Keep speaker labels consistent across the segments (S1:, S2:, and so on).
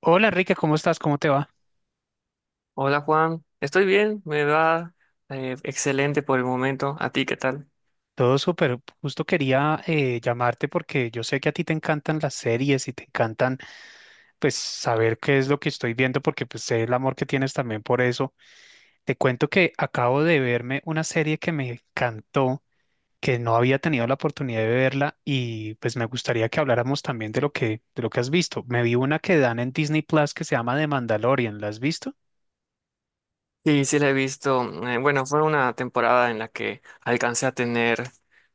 S1: Hola Enrique, ¿cómo estás? ¿Cómo te va?
S2: Hola Juan, estoy bien, me va excelente por el momento. ¿A ti qué tal?
S1: Todo súper. Justo quería llamarte porque yo sé que a ti te encantan las series y te encantan pues saber qué es lo que estoy viendo porque pues sé el amor que tienes también por eso. Te cuento que acabo de verme una serie que me encantó, que no había tenido la oportunidad de verla y pues me gustaría que habláramos también de lo que has visto. Me vi una que dan en Disney Plus que se llama The Mandalorian. ¿La has visto?
S2: Sí, sí la he visto. Bueno, fue una temporada en la que alcancé a tener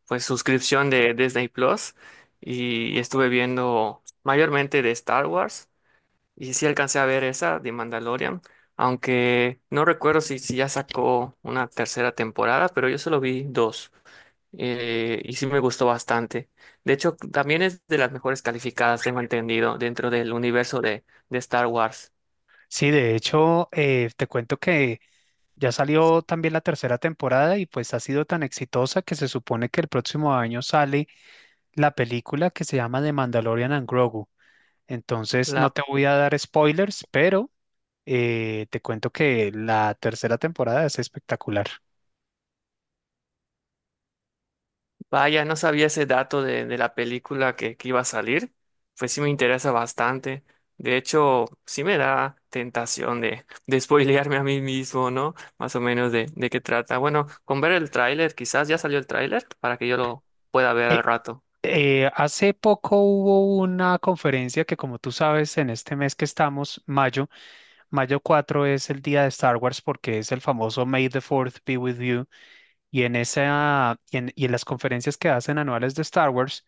S2: pues suscripción de Disney Plus y estuve viendo mayormente de Star Wars, y sí alcancé a ver esa de Mandalorian, aunque no recuerdo si ya sacó una tercera temporada, pero yo solo vi dos. Y sí me gustó bastante. De hecho, también es de las mejores calificadas, tengo entendido, dentro del universo de Star Wars.
S1: Sí, de hecho, te cuento que ya salió también la tercera temporada y pues ha sido tan exitosa que se supone que el próximo año sale la película que se llama The Mandalorian and Grogu. Entonces no
S2: La,
S1: te voy a dar spoilers, pero te cuento que la tercera temporada es espectacular.
S2: Vaya, no sabía ese dato de la película que iba a salir. Pues sí me interesa bastante. De hecho, sí me da tentación de spoilearme a mí mismo, ¿no? Más o menos de qué trata. Bueno, con ver el tráiler, quizás ya salió el tráiler para que yo lo pueda ver
S1: Eh,
S2: al rato.
S1: Hace poco hubo una conferencia que, como tú sabes, en este mes que estamos, mayo, mayo 4 es el día de Star Wars porque es el famoso May the Fourth be with you. Y en esa, y en las conferencias que hacen anuales de Star Wars,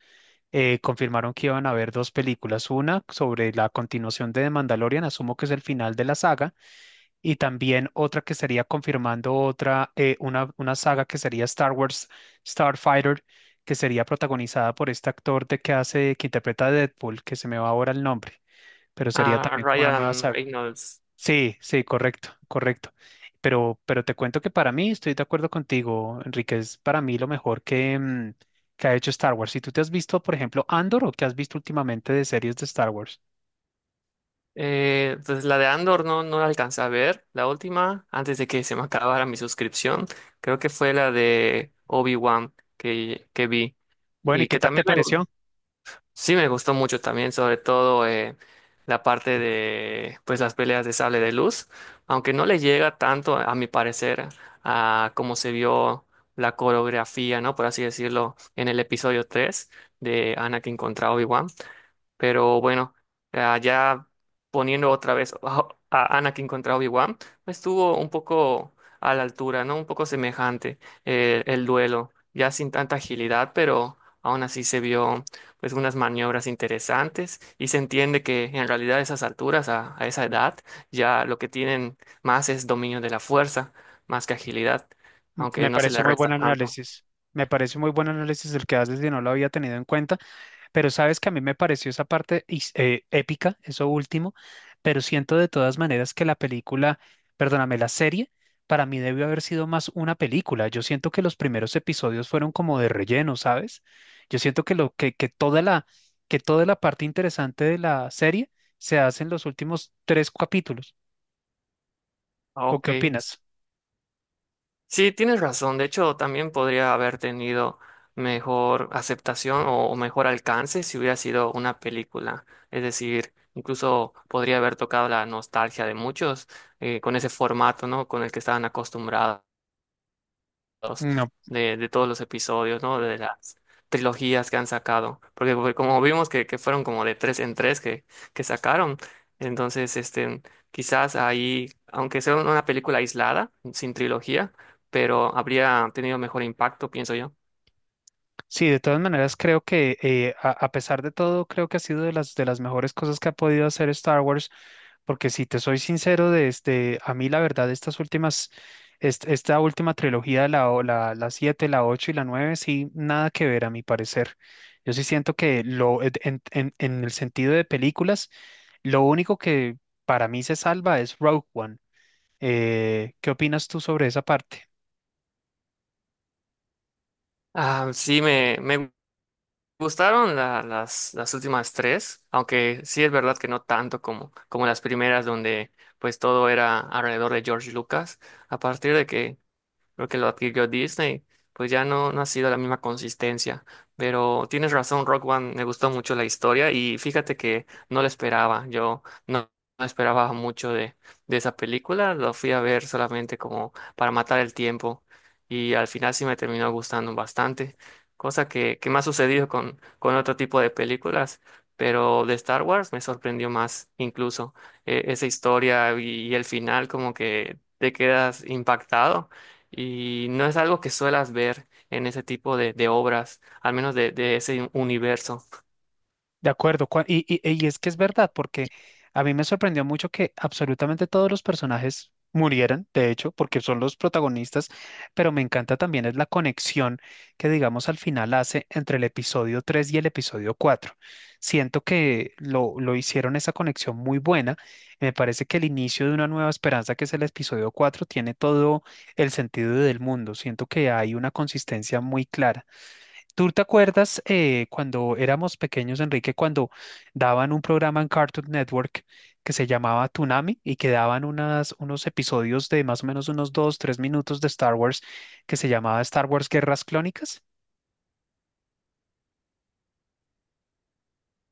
S1: confirmaron que iban a haber dos películas, una sobre la continuación de The Mandalorian, asumo que es el final de la saga, y también otra que sería confirmando otra, una saga que sería Star Wars Starfighter, que sería protagonizada por este actor de que hace, que interpreta a Deadpool, que se me va ahora el nombre, pero sería
S2: Ah,
S1: también como una nueva
S2: Ryan
S1: saga.
S2: Reynolds.
S1: Sí, sí, correcto, correcto. Pero te cuento que para mí, estoy de acuerdo contigo, Enrique, es para mí lo mejor que ha hecho Star Wars. Si tú te has visto, por ejemplo, Andor o que has visto últimamente de series de Star Wars.
S2: Pues la de Andor no, no la alcancé a ver, la última, antes de que se me acabara mi suscripción. Creo que fue la de Obi-Wan que vi,
S1: Bueno, ¿y
S2: y
S1: qué
S2: que
S1: tal te
S2: también
S1: pareció?
S2: sí me gustó mucho también, sobre todo la parte de pues las peleas de sable de luz, aunque no le llega tanto a mi parecer a cómo se vio la coreografía, ¿no? Por así decirlo, en el episodio 3 de Anakin contra Obi-Wan. Pero bueno, ya poniendo otra vez a Anakin contra Obi-Wan, pues estuvo un poco a la altura, ¿no? Un poco semejante el duelo, ya sin tanta agilidad, pero aún así se vio pues unas maniobras interesantes, y se entiende que en realidad a esas alturas, a esa edad, ya lo que tienen más es dominio de la fuerza, más que agilidad, aunque
S1: Me
S2: no se
S1: pareció
S2: le
S1: muy
S2: resta
S1: buen
S2: tanto.
S1: análisis. Me parece muy buen análisis el que haces y no lo había tenido en cuenta. Pero sabes que a mí me pareció esa parte épica, eso último, pero siento de todas maneras que la película, perdóname, la serie, para mí debió haber sido más una película. Yo siento que los primeros episodios fueron como de relleno, ¿sabes? Yo siento que lo que toda la parte interesante de la serie se hace en los últimos tres capítulos.
S2: Ah,
S1: ¿O
S2: ok.
S1: qué opinas?
S2: Sí, tienes razón. De hecho, también podría haber tenido mejor aceptación o mejor alcance si hubiera sido una película. Es decir, incluso podría haber tocado la nostalgia de muchos con ese formato, ¿no? Con el que estaban acostumbrados los-
S1: No,
S2: de todos los episodios, ¿no? De las trilogías que han sacado. Porque fue como vimos que fueron como de tres en tres que sacaron. Entonces, este, quizás ahí, aunque sea una película aislada, sin trilogía, pero habría tenido mejor impacto, pienso yo.
S1: sí, de todas maneras creo que a pesar de todo, creo que ha sido de las mejores cosas que ha podido hacer Star Wars, porque si te soy sincero, desde a mí la verdad, estas últimas, esta última trilogía, la 7 la 8 y la 9 sí, nada que ver a mi parecer. Yo sí siento que lo, en el sentido de películas, lo único que para mí se salva es Rogue One. ¿Qué opinas tú sobre esa parte?
S2: Ah, sí, me las últimas tres, aunque sí es verdad que no tanto como, como las primeras, donde pues todo era alrededor de George Lucas. A partir de que lo adquirió Disney, pues ya no, no ha sido la misma consistencia. Pero tienes razón, Rock One, me gustó mucho la historia y fíjate que no la esperaba. Yo no, no esperaba mucho de esa película, lo fui a ver solamente como para matar el tiempo, y al final sí me terminó gustando bastante, cosa que me ha sucedido con otro tipo de películas. Pero de Star Wars me sorprendió más incluso esa historia, y el final como que te quedas impactado, y no es algo que suelas ver en ese tipo de obras, al menos de ese universo.
S1: De acuerdo, y es que es verdad, porque a mí me sorprendió mucho que absolutamente todos los personajes murieran, de hecho, porque son los protagonistas, pero me encanta también es la conexión que, digamos, al final hace entre el episodio 3 y el episodio cuatro. Siento que lo hicieron esa conexión muy buena. Me parece que el inicio de una nueva esperanza, que es el episodio cuatro, tiene todo el sentido del mundo. Siento que hay una consistencia muy clara. ¿Tú te acuerdas cuando éramos pequeños, Enrique, cuando daban un programa en Cartoon Network que se llamaba Toonami y que daban unos episodios de más o menos unos 2, 3 minutos de Star Wars que se llamaba Star Wars Guerras Clónicas?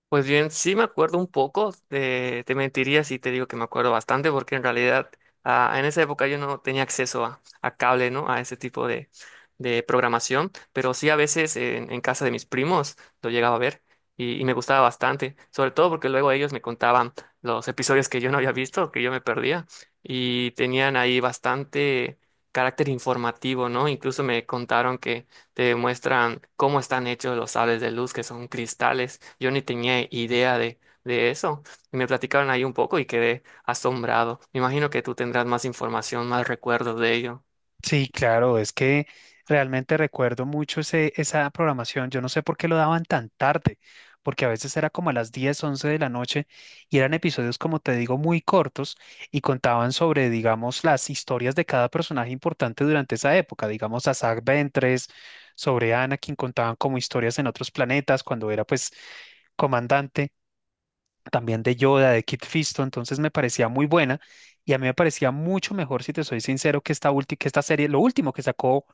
S2: Pues bien, sí me acuerdo un poco, te mentiría si te digo que me acuerdo bastante, porque en realidad en esa época yo no tenía acceso a cable, ¿no? A ese tipo de programación, pero sí a veces en casa de mis primos lo llegaba a ver, y me gustaba bastante, sobre todo porque luego ellos me contaban los episodios que yo no había visto, que yo me perdía, y tenían ahí bastante carácter informativo, ¿no? Incluso me contaron que te muestran cómo están hechos los sables de luz, que son cristales. Yo ni tenía idea de eso. Y me platicaron ahí un poco y quedé asombrado. Me imagino que tú tendrás más información, más recuerdos de ello.
S1: Sí, claro, es que realmente recuerdo mucho esa programación. Yo no sé por qué lo daban tan tarde, porque a veces era como a las 10 11 de la noche y eran episodios, como te digo, muy cortos y contaban sobre, digamos, las historias de cada personaje importante durante esa época. Digamos, a Zack Ventress, sobre Anakin, contaban como historias en otros planetas cuando era pues comandante, también de Yoda, de Kit Fisto. Entonces me parecía muy buena y a mí me parecía mucho mejor, si te soy sincero, que esta serie, lo último que sacó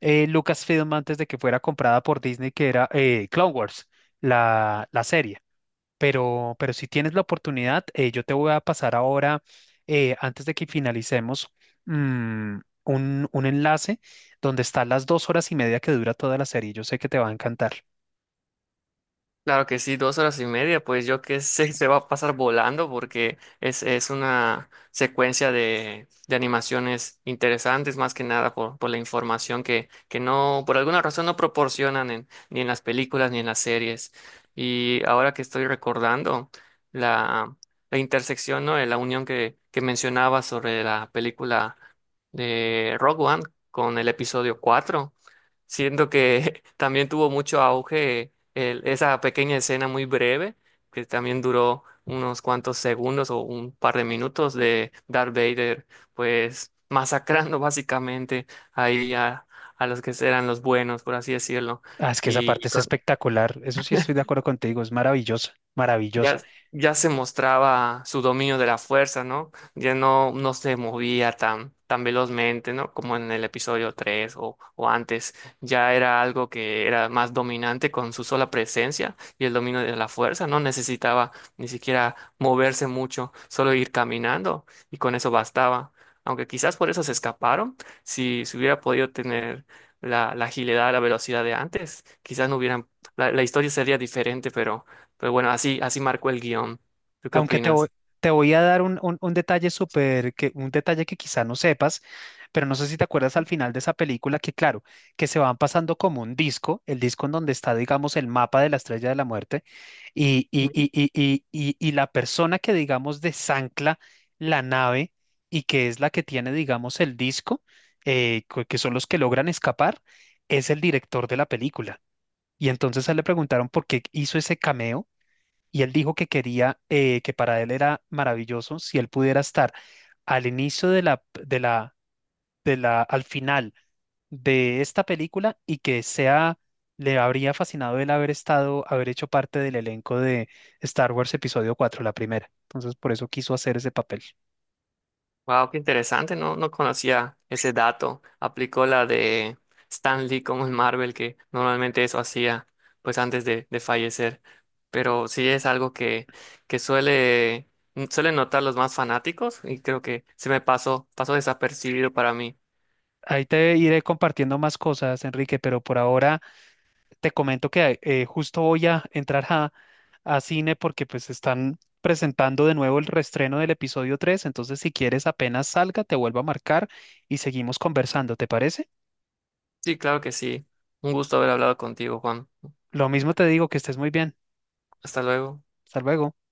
S1: Lucasfilm antes de que fuera comprada por Disney, que era Clone Wars, la serie. Pero si tienes la oportunidad, yo te voy a pasar ahora, antes de que finalicemos, mm, un enlace donde están las 2 horas y media que dura toda la serie. Yo sé que te va a encantar.
S2: Claro que sí, dos horas y media, pues yo qué sé, se va a pasar volando porque es una secuencia de animaciones interesantes, más que nada por la información que no, por alguna razón no proporcionan ni en las películas ni en las series. Y ahora que estoy recordando la, la intersección, ¿no? De la unión que mencionaba sobre la película de Rogue One con el episodio 4. Siento que también tuvo mucho auge esa pequeña escena muy breve, que también duró unos cuantos segundos o un par de minutos de Darth Vader, pues masacrando básicamente ahí a los que eran los buenos, por así decirlo.
S1: Ah, es que esa parte
S2: y
S1: es espectacular. Eso sí estoy de acuerdo contigo. Es maravillosa,
S2: Ya,
S1: maravillosa.
S2: ya se mostraba su dominio de la fuerza, ¿no? Ya no, no se movía tan, tan velozmente, ¿no? Como en el episodio 3 o antes. Ya era algo que era más dominante con su sola presencia y el dominio de la fuerza. No necesitaba ni siquiera moverse mucho, solo ir caminando y con eso bastaba. Aunque quizás por eso se escaparon. Si se hubiera podido tener la agilidad, la velocidad de antes, quizás no hubieran, la historia sería diferente, pero... Pero bueno, así, así marcó el guión. ¿Tú qué
S1: Aunque te voy,
S2: opinas?
S1: te voy a dar un detalle que quizá no sepas, pero no sé si te acuerdas al final de esa película que, claro, que se van pasando como un disco, el disco en donde está, digamos, el mapa de la Estrella de la Muerte y la persona que, digamos, desancla la nave y que es la que tiene, digamos, el disco, que son los que logran escapar, es el director de la película. Y entonces a él le preguntaron por qué hizo ese cameo y él dijo que quería, que para él era maravilloso si él pudiera estar al inicio de la, de la, de la, al final de esta película y que sea, le habría fascinado el haber estado, haber hecho parte del elenco de Star Wars Episodio cuatro, la primera. Entonces por eso quiso hacer ese papel.
S2: Wow, qué interesante, no, no conocía ese dato. Aplicó la de Stan Lee como en Marvel, que normalmente eso hacía pues antes de fallecer. Pero sí es algo que suele, suelen notar los más fanáticos, y creo que se me pasó desapercibido para mí.
S1: Ahí te iré compartiendo más cosas, Enrique, pero por ahora te comento que justo voy a entrar a cine porque pues están presentando de nuevo el reestreno del episodio 3. Entonces si quieres apenas salga, te vuelvo a marcar y seguimos conversando, ¿te parece?
S2: Sí, claro que sí. Un gusto haber hablado contigo, Juan.
S1: Lo mismo te digo, que estés muy bien.
S2: Hasta luego.
S1: Hasta luego.